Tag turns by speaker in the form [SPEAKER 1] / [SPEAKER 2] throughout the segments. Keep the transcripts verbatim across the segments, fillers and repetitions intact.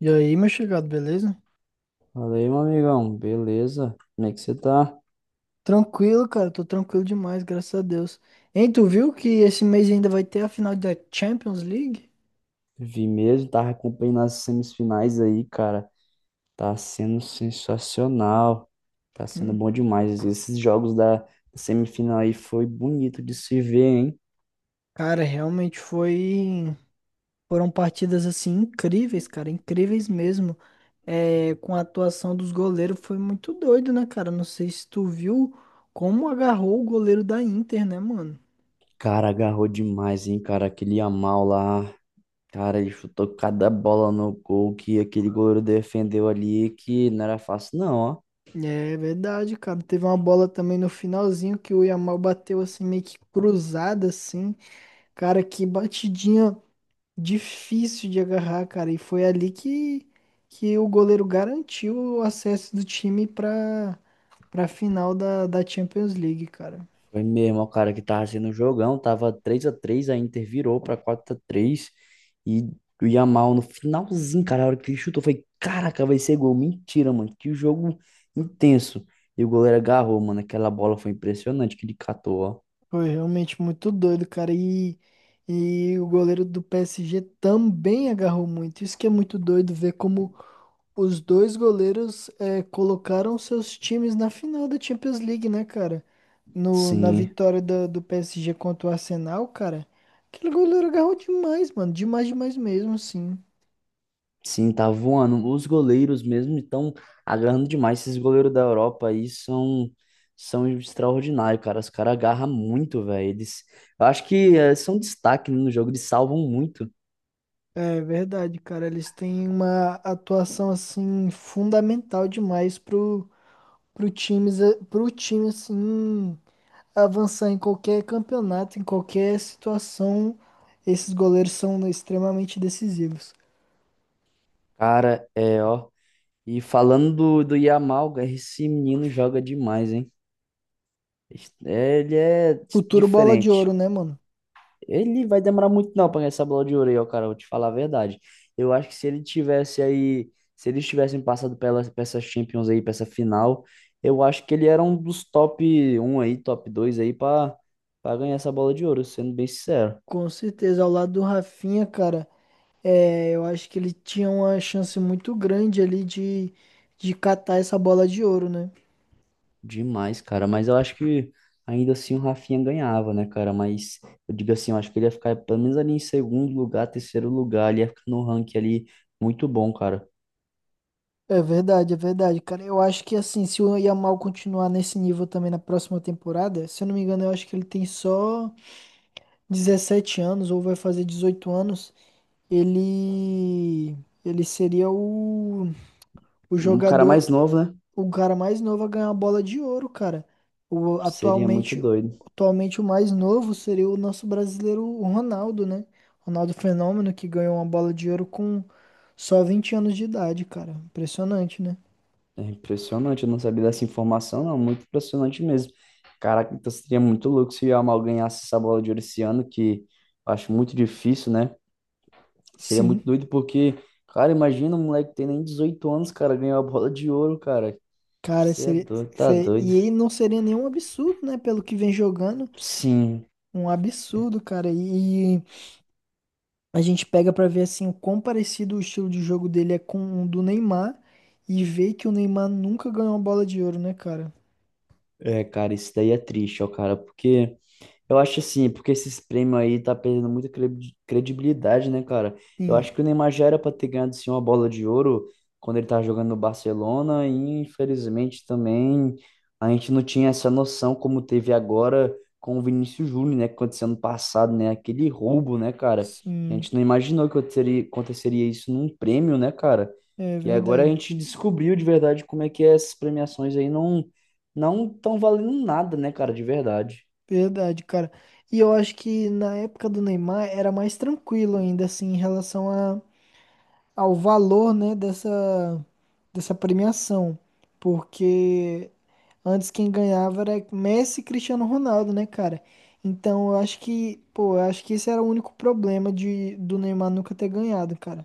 [SPEAKER 1] E aí, meu chegado, beleza?
[SPEAKER 2] Fala aí, meu amigão. Beleza? Como é que você tá?
[SPEAKER 1] Tranquilo, cara, tô tranquilo demais, graças a Deus. Hein, tu viu que esse mês ainda vai ter a final da Champions League?
[SPEAKER 2] Vi mesmo, tava acompanhando as semifinais aí, cara. Tá sendo sensacional. Tá sendo
[SPEAKER 1] Hum.
[SPEAKER 2] bom demais. Esses jogos da semifinal aí foi bonito de se ver, hein?
[SPEAKER 1] Cara, realmente foi. Foram partidas assim incríveis, cara, incríveis mesmo. É, com a atuação dos goleiros foi muito doido, né, cara? Não sei se tu viu como agarrou o goleiro da Inter, né, mano?
[SPEAKER 2] Cara, agarrou demais, hein, cara? Aquele Yamal lá. Cara, ele chutou cada bola no gol que aquele goleiro defendeu ali, que não era fácil, não, ó.
[SPEAKER 1] É verdade, cara. Teve uma bola também no finalzinho que o Yamal bateu assim meio que cruzada assim. Cara, que batidinha difícil de agarrar, cara. E foi ali que, que o goleiro garantiu o acesso do time pra, pra final da, da Champions League, cara.
[SPEAKER 2] Foi mesmo, o cara que tava sendo um jogão, tava três a três, a Inter virou pra quatro a três e o Yamal no finalzinho, cara, a hora que ele chutou, foi, caraca, vai ser gol, mentira, mano, que jogo intenso. E o goleiro agarrou, mano, aquela bola foi impressionante que ele catou, ó.
[SPEAKER 1] Foi realmente muito doido, cara. E, e o goleiro do P S G também agarrou muito. Isso que é muito doido ver como os dois goleiros eh, colocaram seus times na final da Champions League, né, cara? No, Na
[SPEAKER 2] Sim,
[SPEAKER 1] vitória da- do P S G contra o Arsenal, cara. Aquele goleiro agarrou demais, mano. Demais, demais mesmo, sim.
[SPEAKER 2] sim, tá voando. Os goleiros mesmo estão agarrando demais, esses goleiros da Europa aí são são extraordinários, cara, os caras agarram muito, velho, eles, eu acho que eh, são destaque, né, no jogo, eles salvam muito.
[SPEAKER 1] É verdade, cara. Eles têm uma atuação assim fundamental demais pro, pro times, eh, pro time assim avançar em qualquer campeonato, em qualquer situação, esses goleiros são extremamente decisivos.
[SPEAKER 2] Cara, é, ó. E falando do, do Yamal, cara, esse menino joga demais, hein? É, ele é
[SPEAKER 1] Futuro bola de
[SPEAKER 2] diferente.
[SPEAKER 1] ouro, né, mano?
[SPEAKER 2] Ele vai demorar muito não pra ganhar essa bola de ouro aí, ó, cara. Vou te falar a verdade. Eu acho que se ele tivesse aí, se eles tivessem passado pela, pra essa Champions aí, pra essa final, eu acho que ele era um dos top um aí, top dois aí pra, pra ganhar essa bola de ouro, sendo bem sincero.
[SPEAKER 1] Com certeza, ao lado do Rafinha, cara, é, eu acho que ele tinha uma chance muito grande ali de, de catar essa bola de ouro, né?
[SPEAKER 2] Demais, cara. Mas eu acho que ainda assim o Rafinha ganhava, né, cara? Mas eu digo assim, eu acho que ele ia ficar pelo menos ali em segundo lugar, terceiro lugar. Ele ia ficar no ranking ali muito bom, cara.
[SPEAKER 1] É verdade, é verdade, cara. Eu acho que assim, se o Yamal continuar nesse nível também na próxima temporada, se eu não me engano, eu acho que ele tem só dezessete anos ou vai fazer dezoito anos. Ele ele seria o, o
[SPEAKER 2] Um cara
[SPEAKER 1] jogador,
[SPEAKER 2] mais novo, né?
[SPEAKER 1] o cara mais novo a ganhar a bola de ouro, cara. O,
[SPEAKER 2] Seria muito
[SPEAKER 1] atualmente,
[SPEAKER 2] doido.
[SPEAKER 1] atualmente o mais novo seria o nosso brasileiro o Ronaldo, né? Ronaldo Fenômeno que ganhou uma bola de ouro com só vinte anos de idade, cara. Impressionante, né?
[SPEAKER 2] É impressionante. Eu não sabia dessa informação, não. Muito impressionante mesmo. Caraca, então seria muito louco se o Yamal ganhasse essa bola de ouro esse ano, que eu acho muito difícil, né? Seria muito
[SPEAKER 1] Sim.
[SPEAKER 2] doido porque, cara, imagina um moleque que tem nem dezoito anos, cara, ganhou a bola de ouro, cara.
[SPEAKER 1] Cara,
[SPEAKER 2] Você é
[SPEAKER 1] seria,
[SPEAKER 2] doido, tá
[SPEAKER 1] se-
[SPEAKER 2] doido.
[SPEAKER 1] e ele não seria nenhum absurdo, né? Pelo que vem jogando,
[SPEAKER 2] Sim,
[SPEAKER 1] um absurdo, cara. E, a gente pega pra ver assim o quão parecido o estilo de jogo dele é com o do Neymar e vê que o Neymar nunca ganhou uma bola de ouro, né, cara?
[SPEAKER 2] é, cara, isso daí é triste, ó, cara, porque. Eu acho assim, é porque esses prêmios aí tá perdendo muita credi- credibilidade, né, cara? Eu
[SPEAKER 1] Sim,
[SPEAKER 2] acho que o Neymar já era pra ter ganhado sim uma bola de ouro quando ele tava jogando no Barcelona e infelizmente também a gente não tinha essa noção como teve agora com o Vinícius Júnior, né, que aconteceu ano passado, né, aquele roubo, né, cara? A
[SPEAKER 1] sim,
[SPEAKER 2] gente não imaginou que aconteceria aconteceria isso num prêmio, né, cara?
[SPEAKER 1] é
[SPEAKER 2] E agora a
[SPEAKER 1] verdade.
[SPEAKER 2] gente descobriu de verdade como é que essas premiações aí não não estão valendo nada, né, cara, de verdade.
[SPEAKER 1] Verdade, cara. E eu acho que na época do Neymar era mais tranquilo ainda assim em relação a, ao valor, né, dessa dessa premiação, porque antes quem ganhava era Messi e Cristiano Ronaldo, né, cara? Então eu acho que, pô, eu acho que esse era o único problema de, do Neymar nunca ter ganhado, cara.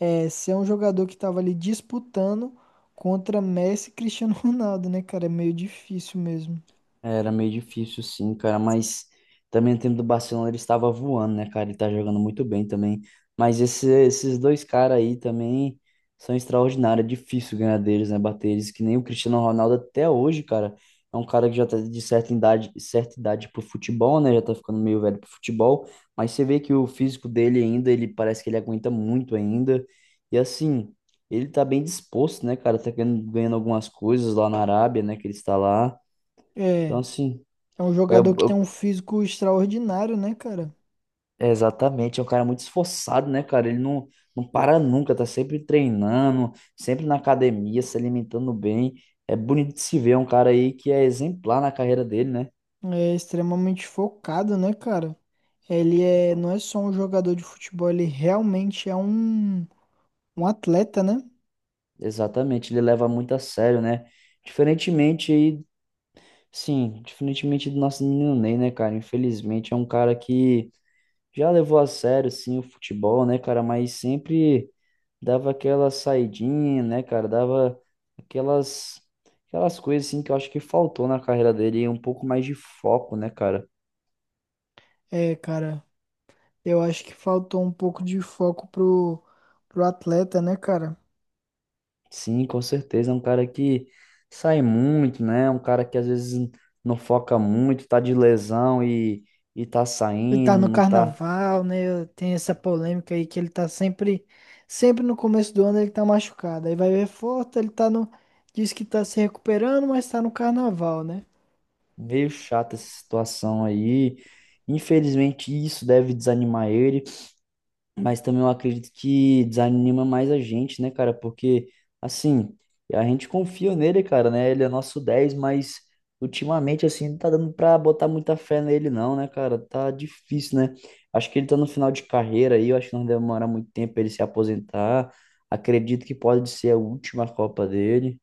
[SPEAKER 1] É, ser um jogador que tava ali disputando contra Messi e Cristiano Ronaldo, né, cara? É meio difícil mesmo.
[SPEAKER 2] Era meio difícil, sim, cara, mas também o time do Barcelona ele estava voando, né, cara? Ele tá jogando muito bem também. Mas esse- esses dois caras aí também são extraordinários. É difícil ganhar deles, né? Bater eles, que nem o Cristiano Ronaldo até hoje, cara. É um cara que já tá de certa idade, certa idade pro futebol, né? Já tá ficando meio velho pro futebol. Mas você vê que o físico dele ainda, ele parece que ele aguenta muito ainda. E assim, ele tá bem disposto, né, cara? Tá ganhando, ganhando algumas coisas lá na Arábia, né? Que ele está lá. Então,
[SPEAKER 1] É,
[SPEAKER 2] assim.
[SPEAKER 1] é um
[SPEAKER 2] É,
[SPEAKER 1] jogador que tem um
[SPEAKER 2] eu-
[SPEAKER 1] físico extraordinário, né, cara?
[SPEAKER 2] é exatamente, é um cara muito esforçado, né, cara? Ele não, não para nunca, tá sempre treinando, sempre na academia, se alimentando bem. É bonito de se ver, é um cara aí que é exemplar na carreira dele, né?
[SPEAKER 1] É extremamente focado, né, cara? Ele é, não é só um jogador de futebol, ele realmente é um, um atleta, né?
[SPEAKER 2] Exatamente, ele leva muito a sério, né? Diferentemente aí, sim, diferentemente do nosso menino Ney, né, cara? Infelizmente é um cara que já levou a sério, sim, o futebol, né, cara? Mas sempre. Dava aquela saidinha, né, cara? Dava aquelas aquelas coisas assim que eu acho que faltou na carreira dele, e um pouco mais de foco, né, cara?
[SPEAKER 1] É, cara. Eu acho que faltou um pouco de foco pro, pro atleta, né, cara?
[SPEAKER 2] Sim, com certeza, é um cara que sai muito, né? É um cara que às vezes não foca muito, tá de lesão e e tá
[SPEAKER 1] Ele tá
[SPEAKER 2] saindo,
[SPEAKER 1] no
[SPEAKER 2] não tá
[SPEAKER 1] carnaval, né? Tem essa polêmica aí que ele tá sempre, sempre no começo do ano ele tá machucado. Aí vai ver forte, ele tá no, diz que tá se recuperando, mas tá no carnaval, né?
[SPEAKER 2] meio chata essa situação aí. Infelizmente, isso deve desanimar ele. Mas também eu acredito que desanima mais a gente, né, cara? Porque, assim, a gente confia nele, cara, né? Ele é nosso dez, mas ultimamente, assim, não tá dando pra botar muita fé nele, não, né, cara? Tá difícil, né? Acho que ele tá no final de carreira aí, eu acho que não vai demorar muito tempo pra ele se aposentar. Acredito que pode ser a última Copa dele.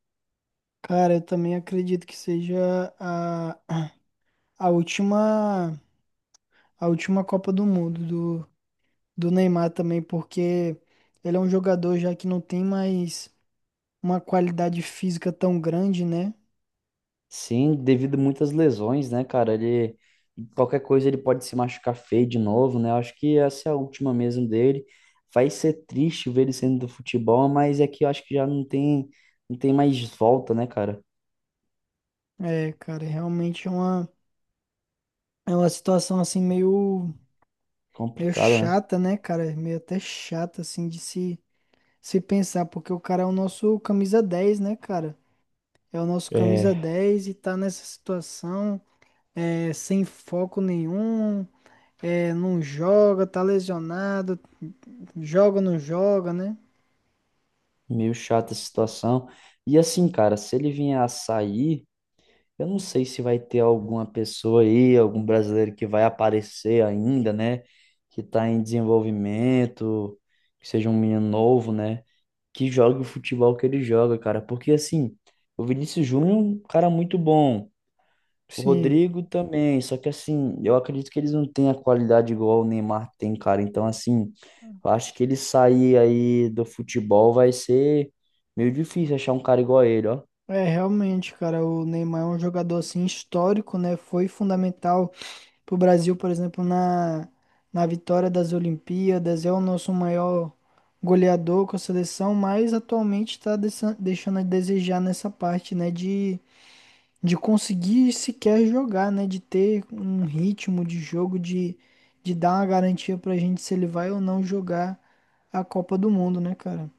[SPEAKER 1] Cara, eu também acredito que seja a, a última, a última Copa do Mundo do, do Neymar também, porque ele é um jogador já que não tem mais uma qualidade física tão grande, né?
[SPEAKER 2] Sim, devido a muitas lesões, né, cara? Ele qualquer coisa ele pode se machucar feio de novo, né? Eu acho que essa é a última mesmo dele. Vai ser triste ver ele saindo do futebol, mas é que eu acho que já não tem não tem mais volta, né, cara?
[SPEAKER 1] É, cara, realmente é uma, é uma situação assim meio, meio
[SPEAKER 2] Complicado, né?
[SPEAKER 1] chata, né, cara? Meio até chata, assim, de se, se pensar, porque o cara é o nosso camisa dez, né, cara? É o nosso camisa
[SPEAKER 2] É
[SPEAKER 1] dez e tá nessa situação, é, sem foco nenhum, é, não joga, tá lesionado, joga, não joga, né?
[SPEAKER 2] meio chata essa situação. E assim, cara, se ele vier a sair, eu não sei se vai ter alguma pessoa aí, algum brasileiro que vai aparecer ainda, né? Que tá em desenvolvimento, que seja um menino novo, né? Que jogue o futebol que ele joga, cara. Porque assim, o Vinícius Júnior é um cara muito bom. O
[SPEAKER 1] Sim,
[SPEAKER 2] Rodrigo também, só que assim, eu acredito que eles não têm a qualidade igual o Neymar tem, cara. Então, assim, eu acho que ele sair aí do futebol vai ser meio difícil achar um cara igual a ele, ó.
[SPEAKER 1] é realmente, cara, o Neymar é um jogador assim histórico, né? Foi fundamental pro Brasil, por exemplo, na, na vitória das Olimpíadas, é o nosso maior goleador com a seleção, mas atualmente está deixando a desejar nessa parte, né, de, de conseguir sequer jogar, né, de ter um ritmo de jogo, de, de dar uma garantia para a gente se ele vai ou não jogar a Copa do Mundo, né, cara?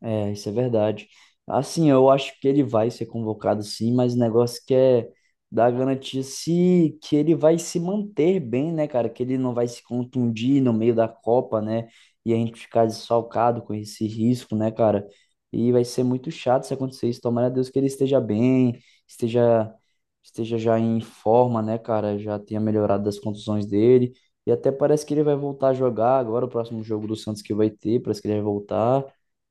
[SPEAKER 2] É, isso é verdade. Assim, eu acho que ele vai ser convocado sim, mas o negócio que é dar garantia se que ele vai se manter bem, né, cara? Que ele não vai se contundir no meio da Copa, né? E a gente ficar desfalcado com esse risco, né, cara? E vai ser muito chato se acontecer isso. Tomara a Deus que ele esteja bem, esteja esteja já em forma, né, cara? Já tenha melhorado das contusões dele. E até parece que ele vai voltar a jogar agora, o próximo jogo do Santos que vai ter, parece que ele vai voltar.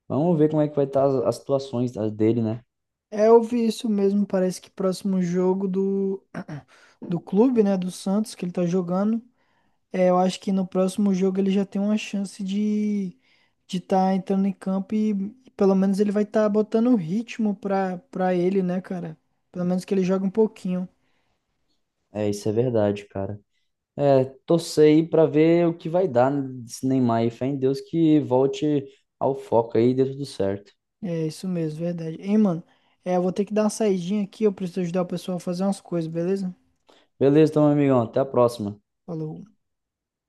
[SPEAKER 2] Vamos ver como é que vai estar as, as situações da- dele, né?
[SPEAKER 1] É, eu vi isso mesmo, parece que próximo jogo do, do clube, né, do Santos, que ele tá jogando, é, eu acho que no próximo jogo ele já tem uma chance de de estar entrando em campo e pelo menos ele vai estar botando ritmo pra, pra ele, né, cara? Pelo menos que ele joga um pouquinho.
[SPEAKER 2] É, isso é verdade, cara. É, torcer aí pra ver o que vai dar desse Neymar aí. Fé em Deus que volte ao foco aí e dê tudo certo.
[SPEAKER 1] É isso mesmo, verdade. Hein, mano? É, eu vou ter que dar uma saidinha aqui, eu preciso ajudar o pessoal a fazer umas coisas, beleza?
[SPEAKER 2] Beleza, então, meu amigão. Até a próxima.
[SPEAKER 1] Falou.